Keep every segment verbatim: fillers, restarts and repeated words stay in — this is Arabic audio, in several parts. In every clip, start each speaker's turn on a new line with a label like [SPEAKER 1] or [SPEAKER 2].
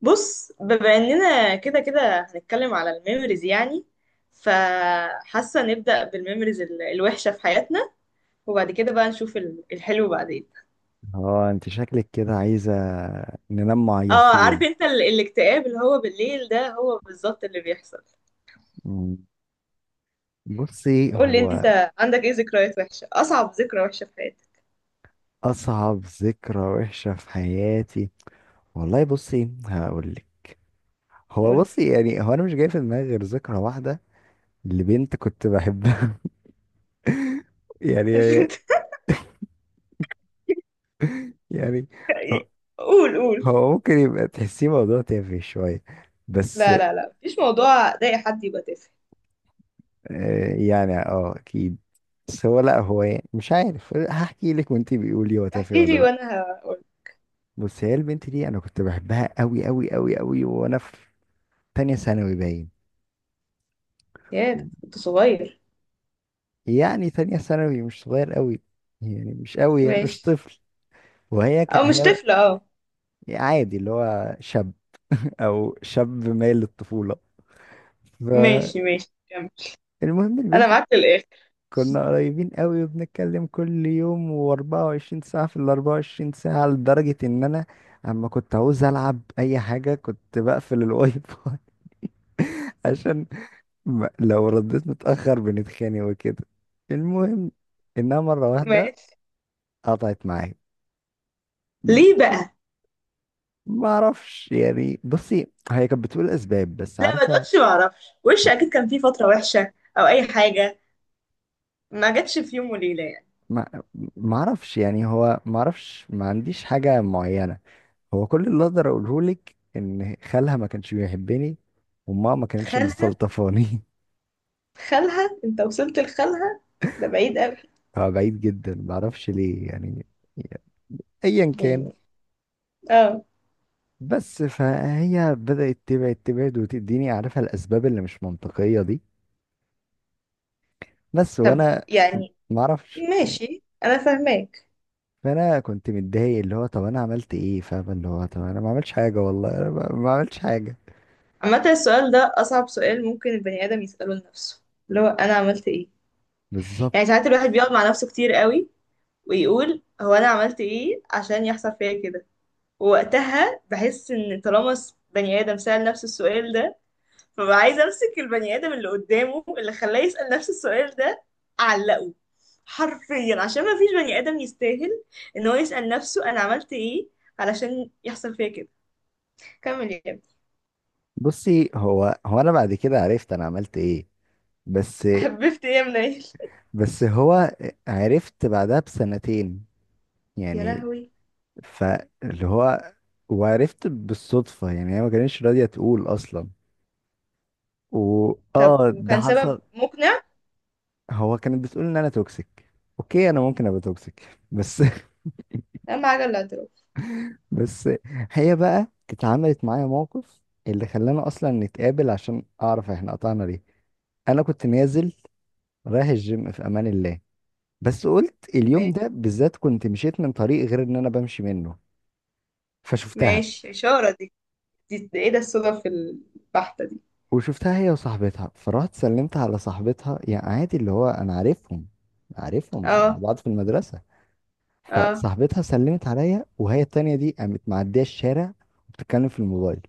[SPEAKER 1] بص، بما اننا كده كده هنتكلم على الميموريز. يعني فحاسه نبدا بالميموريز ال- الوحشه في حياتنا، وبعد كده بقى نشوف ال- الحلو بعدين.
[SPEAKER 2] اه، انت شكلك كده عايزة ننام
[SPEAKER 1] اه عارف
[SPEAKER 2] معيطين.
[SPEAKER 1] انت ال- الاكتئاب اللي هو بالليل ده هو بالظبط اللي بيحصل.
[SPEAKER 2] مم. بصي،
[SPEAKER 1] قول لي
[SPEAKER 2] هو
[SPEAKER 1] انت عندك ايه ذكريات وحشه؟ اصعب ذكرى وحشه في حياتك؟
[SPEAKER 2] اصعب ذكرى وحشة في حياتي. والله بصي هقولك. هو
[SPEAKER 1] قول
[SPEAKER 2] بصي يعني هو انا مش جاي في دماغي غير ذكرى واحدة لبنت كنت بحبها. يعني
[SPEAKER 1] لي.
[SPEAKER 2] يعني هو
[SPEAKER 1] قول قول.
[SPEAKER 2] هو ممكن يبقى تحسيه موضوع تافه شوية بس.
[SPEAKER 1] لا لا لا، مفيش موضوع ضايق حد يبقى تافه.
[SPEAKER 2] آه، يعني اه اكيد. بس هو، لا، هو يعني مش عارف هحكي لك وانتي بيقولي هو تافه
[SPEAKER 1] احكي
[SPEAKER 2] ولا
[SPEAKER 1] لي
[SPEAKER 2] لا.
[SPEAKER 1] وانا هقول.
[SPEAKER 2] بص، هي البنت دي انا كنت بحبها قوي قوي قوي قوي وانا في تانية ثانوي باين.
[SPEAKER 1] يا ده كنت صغير.
[SPEAKER 2] يعني تانية ثانوي مش صغير قوي، يعني مش قوي، يعني مش
[SPEAKER 1] ماشي.
[SPEAKER 2] طفل. وهي
[SPEAKER 1] او
[SPEAKER 2] ك...
[SPEAKER 1] مش
[SPEAKER 2] هي
[SPEAKER 1] طفله، اه.
[SPEAKER 2] عادي اللي هو شاب. او شاب مايل للطفولة. فالمهم،
[SPEAKER 1] ماشي ماشي، كمل. انا
[SPEAKER 2] البنت دي
[SPEAKER 1] معاك للاخر.
[SPEAKER 2] كنا قريبين قوي وبنتكلم كل يوم و24 ساعة في ال أربعة وعشرين ساعة، لدرجة ان انا اما كنت عاوز العب اي حاجة كنت بقفل الواي فاي. عشان ما- لو رديت متأخر بنتخانق وكده. المهم إنها مرة واحدة
[SPEAKER 1] ماشي.
[SPEAKER 2] قطعت معايا.
[SPEAKER 1] ليه بقى؟
[SPEAKER 2] ما أعرفش، يعني بصي هي كانت بتقول أسباب بس
[SPEAKER 1] لا ما
[SPEAKER 2] عارفة.
[SPEAKER 1] تقولش ما اعرفش، وش اكيد كان فيه فتره وحشه او اي حاجه، ما جاتش في يوم وليله يعني.
[SPEAKER 2] ما ما أعرفش، يعني هو ما أعرفش، ما عنديش حاجة معينة. هو كل اللي أقدر أقوله لك إن خالها ما كانش بيحبني، وماما ما كانتش
[SPEAKER 1] خالها؟
[SPEAKER 2] مستلطفاني.
[SPEAKER 1] خالها؟ انت وصلت لخالها؟ ده بعيد قوي.
[SPEAKER 2] هو بعيد جدا، ما أعرفش ليه يعني. أيا كان.
[SPEAKER 1] يعني، اه.
[SPEAKER 2] بس فهي بدأت تبعد تبعد وتديني عارفة الأسباب اللي مش منطقية دي بس،
[SPEAKER 1] طب
[SPEAKER 2] وانا
[SPEAKER 1] يعني،
[SPEAKER 2] ما اعرفش.
[SPEAKER 1] ماشي انا فاهماك.
[SPEAKER 2] فانا كنت متضايق، اللي هو طب انا عملت ايه، فاهم، اللي هو طب انا ما عملتش حاجه، والله انا ما ما عملتش حاجه.
[SPEAKER 1] عامه السؤال ده اصعب سؤال ممكن البني ادم يساله لنفسه، اللي هو انا عملت ايه.
[SPEAKER 2] بالظبط.
[SPEAKER 1] يعني ساعات الواحد بيقعد مع نفسه كتير قوي ويقول هو انا عملت ايه عشان يحصل فيا كده. وقتها بحس ان طالما س- بني ادم سأل نفسه السؤال ده، فببقى عايزه امسك البني ادم اللي قدامه اللي خلاه يسأل نفس السؤال ده، اعلقه حرفيا. عشان ما فيش بني ادم يستاهل ان هو يسأل نفسه انا عملت ايه علشان يحصل فيا كده. كمل يا ابني.
[SPEAKER 2] بصي هو هو انا بعد كده عرفت انا عملت ايه، بس.
[SPEAKER 1] حببت ايه يا منيل؟
[SPEAKER 2] بس هو عرفت بعدها بسنتين
[SPEAKER 1] يا
[SPEAKER 2] يعني.
[SPEAKER 1] لهوي.
[SPEAKER 2] فاللي هو وعرفت بالصدفه، يعني هي ما كانتش راضيه تقول اصلا. و
[SPEAKER 1] طب
[SPEAKER 2] اه ده
[SPEAKER 1] وكان سبب
[SPEAKER 2] حصل.
[SPEAKER 1] مقنع؟
[SPEAKER 2] هو كانت بتقول ان انا توكسيك. اوكي، انا ممكن ابقى توكسيك بس.
[SPEAKER 1] اهم حاجه الاعتراف.
[SPEAKER 2] بس هي بقى اتعملت معايا موقف اللي خلانا اصلا نتقابل عشان اعرف احنا قطعنا ليه. انا كنت نازل رايح الجيم في امان الله، بس قلت
[SPEAKER 1] ما-
[SPEAKER 2] اليوم ده بالذات كنت مشيت من طريق غير ان انا بمشي منه، فشفتها.
[SPEAKER 1] ماشي، اشاره دي. دي دي ايه ده، الصدف البحته دي؟
[SPEAKER 2] وشفتها هي وصاحبتها، فرحت سلمت على صاحبتها، يعني عادي اللي هو انا عارفهم، عارفهم مع
[SPEAKER 1] اه.
[SPEAKER 2] بعض في المدرسة.
[SPEAKER 1] اه،
[SPEAKER 2] فصاحبتها سلمت عليا، وهي التانية دي قامت معدية الشارع وبتتكلم في الموبايل.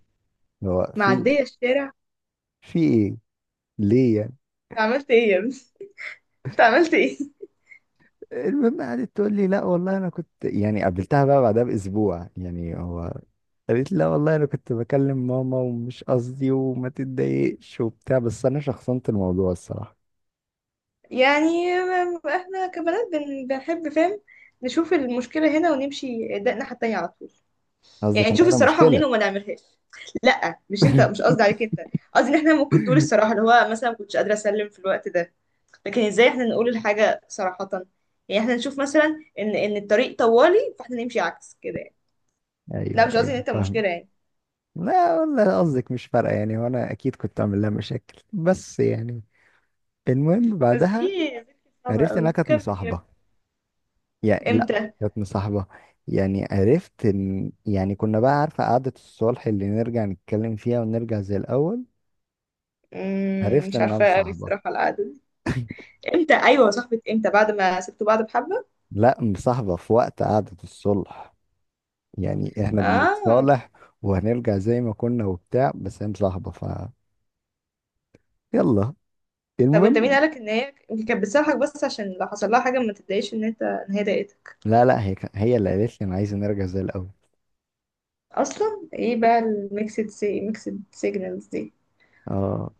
[SPEAKER 2] اللي هو في
[SPEAKER 1] معديه الشارع؟
[SPEAKER 2] في ايه، ليه؟
[SPEAKER 1] عملت ايه يا ابني؟ انت عملت ايه؟
[SPEAKER 2] المهم قعدت تقول لي لا والله انا كنت، يعني قابلتها بقى بعدها باسبوع يعني، هو قالت لي لا والله انا كنت بكلم ماما ومش قصدي وما تتضايقش وبتاع، بس انا شخصنت الموضوع الصراحه.
[SPEAKER 1] يعني، م- احنا كبنات بن- بنحب، فاهم؟ نشوف المشكلة هنا ونمشي، ده الناحية التانية على طول. يعني
[SPEAKER 2] قصدك ان
[SPEAKER 1] نشوف
[SPEAKER 2] انا
[SPEAKER 1] الصراحة منين
[SPEAKER 2] مشكله؟
[SPEAKER 1] وما نعملهاش. لا مش انت، مش قصدي عليك انت. قصدي ان احنا ممكن تقول الصراحة اللي هو مثلا ما كنتش قادرة اسلم في الوقت ده، لكن ازاي احنا نقول الحاجة صراحة؟ يعني احنا نشوف مثلا ان ان الطريق طوالي، فاحنا نمشي عكس كده يعني. لا
[SPEAKER 2] ايوه
[SPEAKER 1] مش قصدي
[SPEAKER 2] ايوه
[SPEAKER 1] ان انت
[SPEAKER 2] فاهم.
[SPEAKER 1] مشكلة يعني.
[SPEAKER 2] لا والله قصدك مش فارقه يعني، وانا اكيد كنت اعمل لها مشاكل، بس يعني. المهم
[SPEAKER 1] بس
[SPEAKER 2] بعدها
[SPEAKER 1] دي ذكرى صعبة
[SPEAKER 2] عرفت انها
[SPEAKER 1] قوي.
[SPEAKER 2] كانت
[SPEAKER 1] كمل يا
[SPEAKER 2] مصاحبه.
[SPEAKER 1] ابني.
[SPEAKER 2] يعني لا،
[SPEAKER 1] امتى؟
[SPEAKER 2] كانت مصاحبة. يعني عرفت إن، يعني كنا بقى عارفة قعدة الصلح اللي نرجع نتكلم فيها ونرجع زي الأول،
[SPEAKER 1] مم،
[SPEAKER 2] عرفت
[SPEAKER 1] مش
[SPEAKER 2] إنها
[SPEAKER 1] عارفة قوي
[SPEAKER 2] مصاحبة.
[SPEAKER 1] الصراحة القعدة دي. امتى؟ ايوه صاحبة امتى، بعد ما سبتوا بعض بحبة؟
[SPEAKER 2] لا، مصاحبة في وقت قعدة الصلح، يعني إحنا
[SPEAKER 1] اه.
[SPEAKER 2] بنتصالح وهنرجع زي ما كنا وبتاع، بس هي مصاحبة، ف يلا،
[SPEAKER 1] طب انت مين
[SPEAKER 2] المهم.
[SPEAKER 1] قالك ان هي يمكن كانت بتسامحك بس عشان لو حصل لها حاجة ما تتضايقش ان انت، ان هي ضايقتك؟
[SPEAKER 2] لا لا، هي كان- هي اللي قالت لي أنا عايزة نرجع زي الأول.
[SPEAKER 1] اصلا ايه بقى الميكسد سي، ميكسد سيجنالز دي؟
[SPEAKER 2] اه.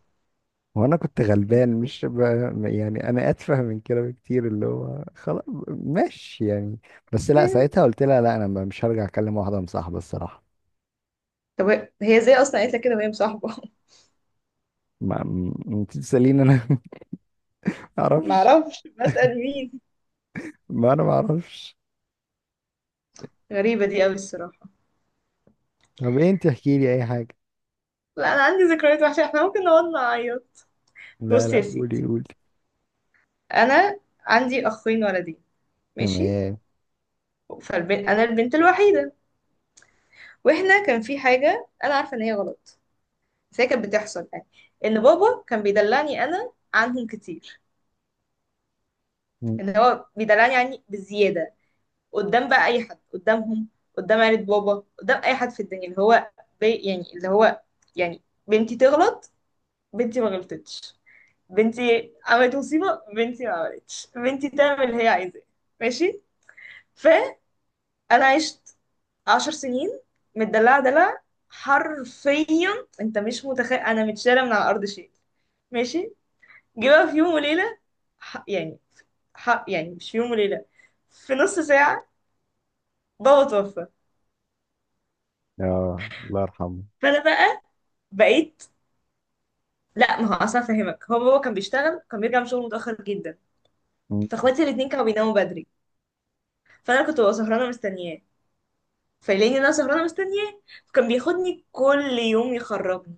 [SPEAKER 2] وانا كنت غلبان مش ب... يعني انا اتفه من كده بكتير، اللي هو خلاص ماشي يعني. بس لا، ساعتها قلت لها لا، انا مش هرجع اكلم واحده مصاحبه الصراحه.
[SPEAKER 1] طب هي ازاي اصلا قالت لك كده وهي مصاحبة؟
[SPEAKER 2] ما م- انت تساليني انا؟ ما اعرفش.
[SPEAKER 1] معرفش، بسأل مين؟
[SPEAKER 2] ما انا ما اعرفش.
[SPEAKER 1] غريبة دي قوي الصراحة.
[SPEAKER 2] طب إيه؟ انت احكي لي اي حاجه.
[SPEAKER 1] لا انا عندي ذكريات وحشة، احنا ممكن نقعد نعيط.
[SPEAKER 2] لا
[SPEAKER 1] بص يا
[SPEAKER 2] لا، قولي
[SPEAKER 1] سيدي،
[SPEAKER 2] قولي.
[SPEAKER 1] انا عندي اخين ولدين. ماشي.
[SPEAKER 2] تمام.
[SPEAKER 1] فالبنت انا البنت الوحيدة. واحنا كان في حاجة انا عارفة ان هي غلط، بس هي كانت بتحصل يعني. ان بابا كان بيدلعني انا عنهم كتير،
[SPEAKER 2] م.
[SPEAKER 1] ان هو بيدلعني يعني بزياده. قدام بقى اي حد، قدامهم، قدام عيلة بابا، قدام اي حد في الدنيا، اللي هو بي يعني اللي هو، يعني بنتي تغلط، بنتي ما غلطتش، بنتي عملت مصيبه، بنتي ما عملتش، بنتي تعمل اللي هي عايزاه. ماشي. فانا عشت عشر سنين متدلعه دلع، حرفيا. انت مش متخيل، انا متشاله من على الارض شيء. ماشي. جه بقى في يوم وليلة، ح- يعني ح- يعني مش في يوم وليلة، في نص ساعة، بابا توفى.
[SPEAKER 2] اه الله يرحمه.
[SPEAKER 1] فأنا بقى بقيت. لا ما هو أصلا فاهمك، هو بابا كان بيشتغل، كان بيرجع من شغله متأخر جدا.
[SPEAKER 2] م.
[SPEAKER 1] فاخواتي الاتنين كانوا بيناموا بدري، فأنا كنت ببقى سهرانة مستنياه. فيلاقيني إن أنا سهرانة مستنياه، فكان بياخدني كل يوم يخرجني.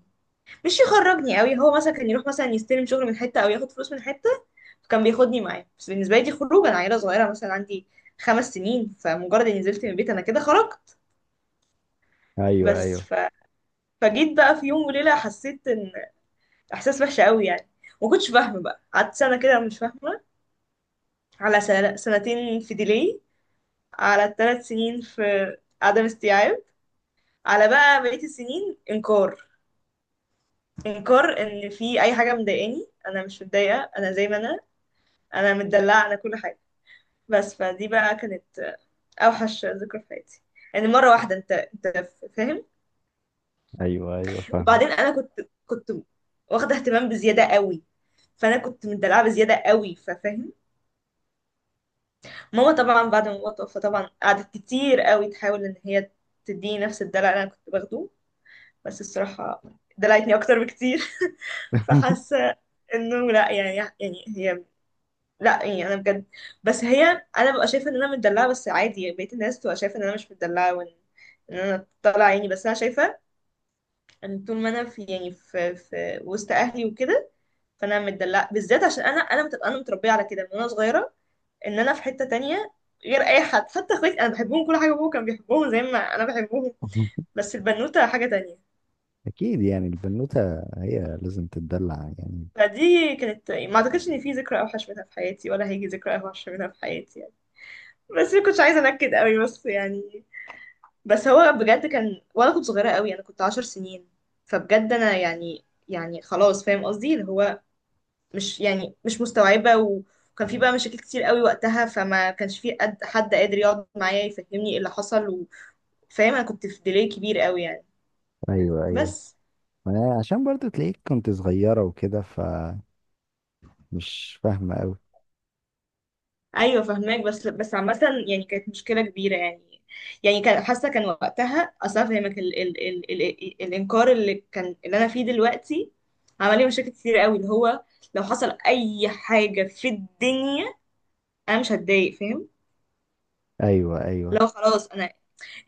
[SPEAKER 1] مش يخرجني قوي، هو مثلا كان يروح مثلا يستلم شغل من حتة أو ياخد فلوس من حتة، فكان بياخدني معاه. بس بالنسبة لي دي خروج. أنا عيلة صغيرة، مثلا عندي خمس سنين، فمجرد إني نزلت من البيت أنا كده خرجت.
[SPEAKER 2] ايوه
[SPEAKER 1] بس
[SPEAKER 2] ايوه.
[SPEAKER 1] ف فجيت بقى في يوم وليلة حسيت ان، احساس وحش قوي يعني. ما كنتش فاهمة، بقى قعدت سنة كده مش فاهمة، على سنة سنتين في ديلي، على ثلاث سنين في عدم استيعاب، على بقى بقية السنين انكار. انكار ان في اي حاجة مضايقاني، انا مش متضايقة، انا زي ما انا، انا متدلعة، انا كل حاجة. بس فدي بقى كانت اوحش ذكرى في حياتي يعني. مرة واحدة انت، انت فاهم.
[SPEAKER 2] ايوه ايوه فاهم.
[SPEAKER 1] وبعدين انا كنت كنت واخده اهتمام بزياده قوي. فانا كنت مدلعه بزياده قوي، ففاهم. ماما طبعا بعد ما بابا توفى طبعا قعدت كتير قوي تحاول ان هي تديني نفس الدلع اللي انا كنت باخده. بس الصراحه دلعتني اكتر بكتير. فحاسه انه لا يعني، يعني هي، لا يعني انا بجد. بس هي، انا ببقى شايفه ان انا متدلعه بس عادي، بقيت الناس تبقى شايفه ان انا مش متدلعه، وان ان انا طالعه عيني. بس انا شايفه ان طول ما انا في، يعني في, في وسط اهلي وكده، فانا متدلعه. بالذات عشان انا انا متبقى، انا متربيه على كده من وانا صغيره، ان انا في حته تانية غير اي حد. حتى اخواتي انا بحبهم كل حاجه، ابوه كان بيحبهم زي ما انا بحبهم، بس البنوته حاجه تانية.
[SPEAKER 2] اكيد يعني البنوته هي لازم تتدلع يعني.
[SPEAKER 1] فدي كانت، ما اعتقدش ان في ذكرى اوحش منها في حياتي ولا هيجي ذكرى اوحش منها في حياتي يعني. بس ما كنتش عايزه انكد قوي بس يعني. بس هو بجد كان، وانا كنت صغيره قوي، انا كنت عشر سنين. فبجد انا يعني، يعني خلاص، فاهم قصدي اللي هو، مش يعني مش مستوعبة. وكان في بقى مشاكل كتير قوي وقتها، فما كانش في قد حد قادر يقعد معايا يفهمني ايه اللي حصل و... فاهم؟ انا كنت في ديلي كبير قوي يعني.
[SPEAKER 2] ايوه ايوه.
[SPEAKER 1] بس
[SPEAKER 2] ما عشان برضو تلاقيك كنت صغيرة وكده، فمش فاهمة أوي.
[SPEAKER 1] ايوه فهماك، بس بس عامه يعني كانت مشكله كبيره يعني. يعني كان حاسه، كان وقتها اصلا، فهمك ال ال ال ال الانكار اللي كان اللي انا فيه دلوقتي عمل لي مشاكل كتير قوي. اللي هو لو حصل اي حاجه في الدنيا انا مش هتضايق، فاهم؟
[SPEAKER 2] أيوة أيوة.
[SPEAKER 1] لو خلاص، انا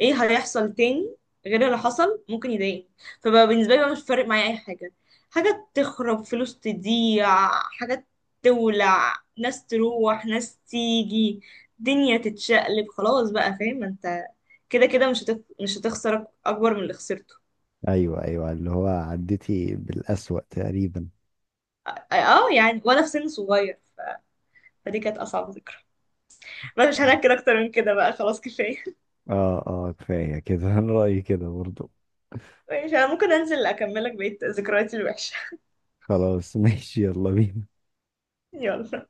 [SPEAKER 1] ايه هيحصل تاني غير اللي حصل ممكن يضايقني؟ فبقى بالنسبه لي بقى مش فارق معايا اي حاجه، حاجه تخرب، فلوس تضيع، حاجه تولع، ناس تروح، ناس تيجي، دنيا تتشقلب، خلاص بقى فاهم، ما انت كده كده مش هتخ... مش هتخسر اكبر من اللي خسرته.
[SPEAKER 2] أيوة أيوة، اللي هو عديتي بالأسوأ تقريبا.
[SPEAKER 1] اه يعني، وانا في سن صغير. فدي كانت اصعب ذكرى. بس مش هنحكي اكتر من كده بقى، خلاص كفايه.
[SPEAKER 2] اه اه، كفاية كده. أنا رأيي كده برضو.
[SPEAKER 1] مش انا ممكن انزل اكملك بقية ذكرياتي الوحشه.
[SPEAKER 2] خلاص ماشي، يلا بينا.
[SPEAKER 1] يلا.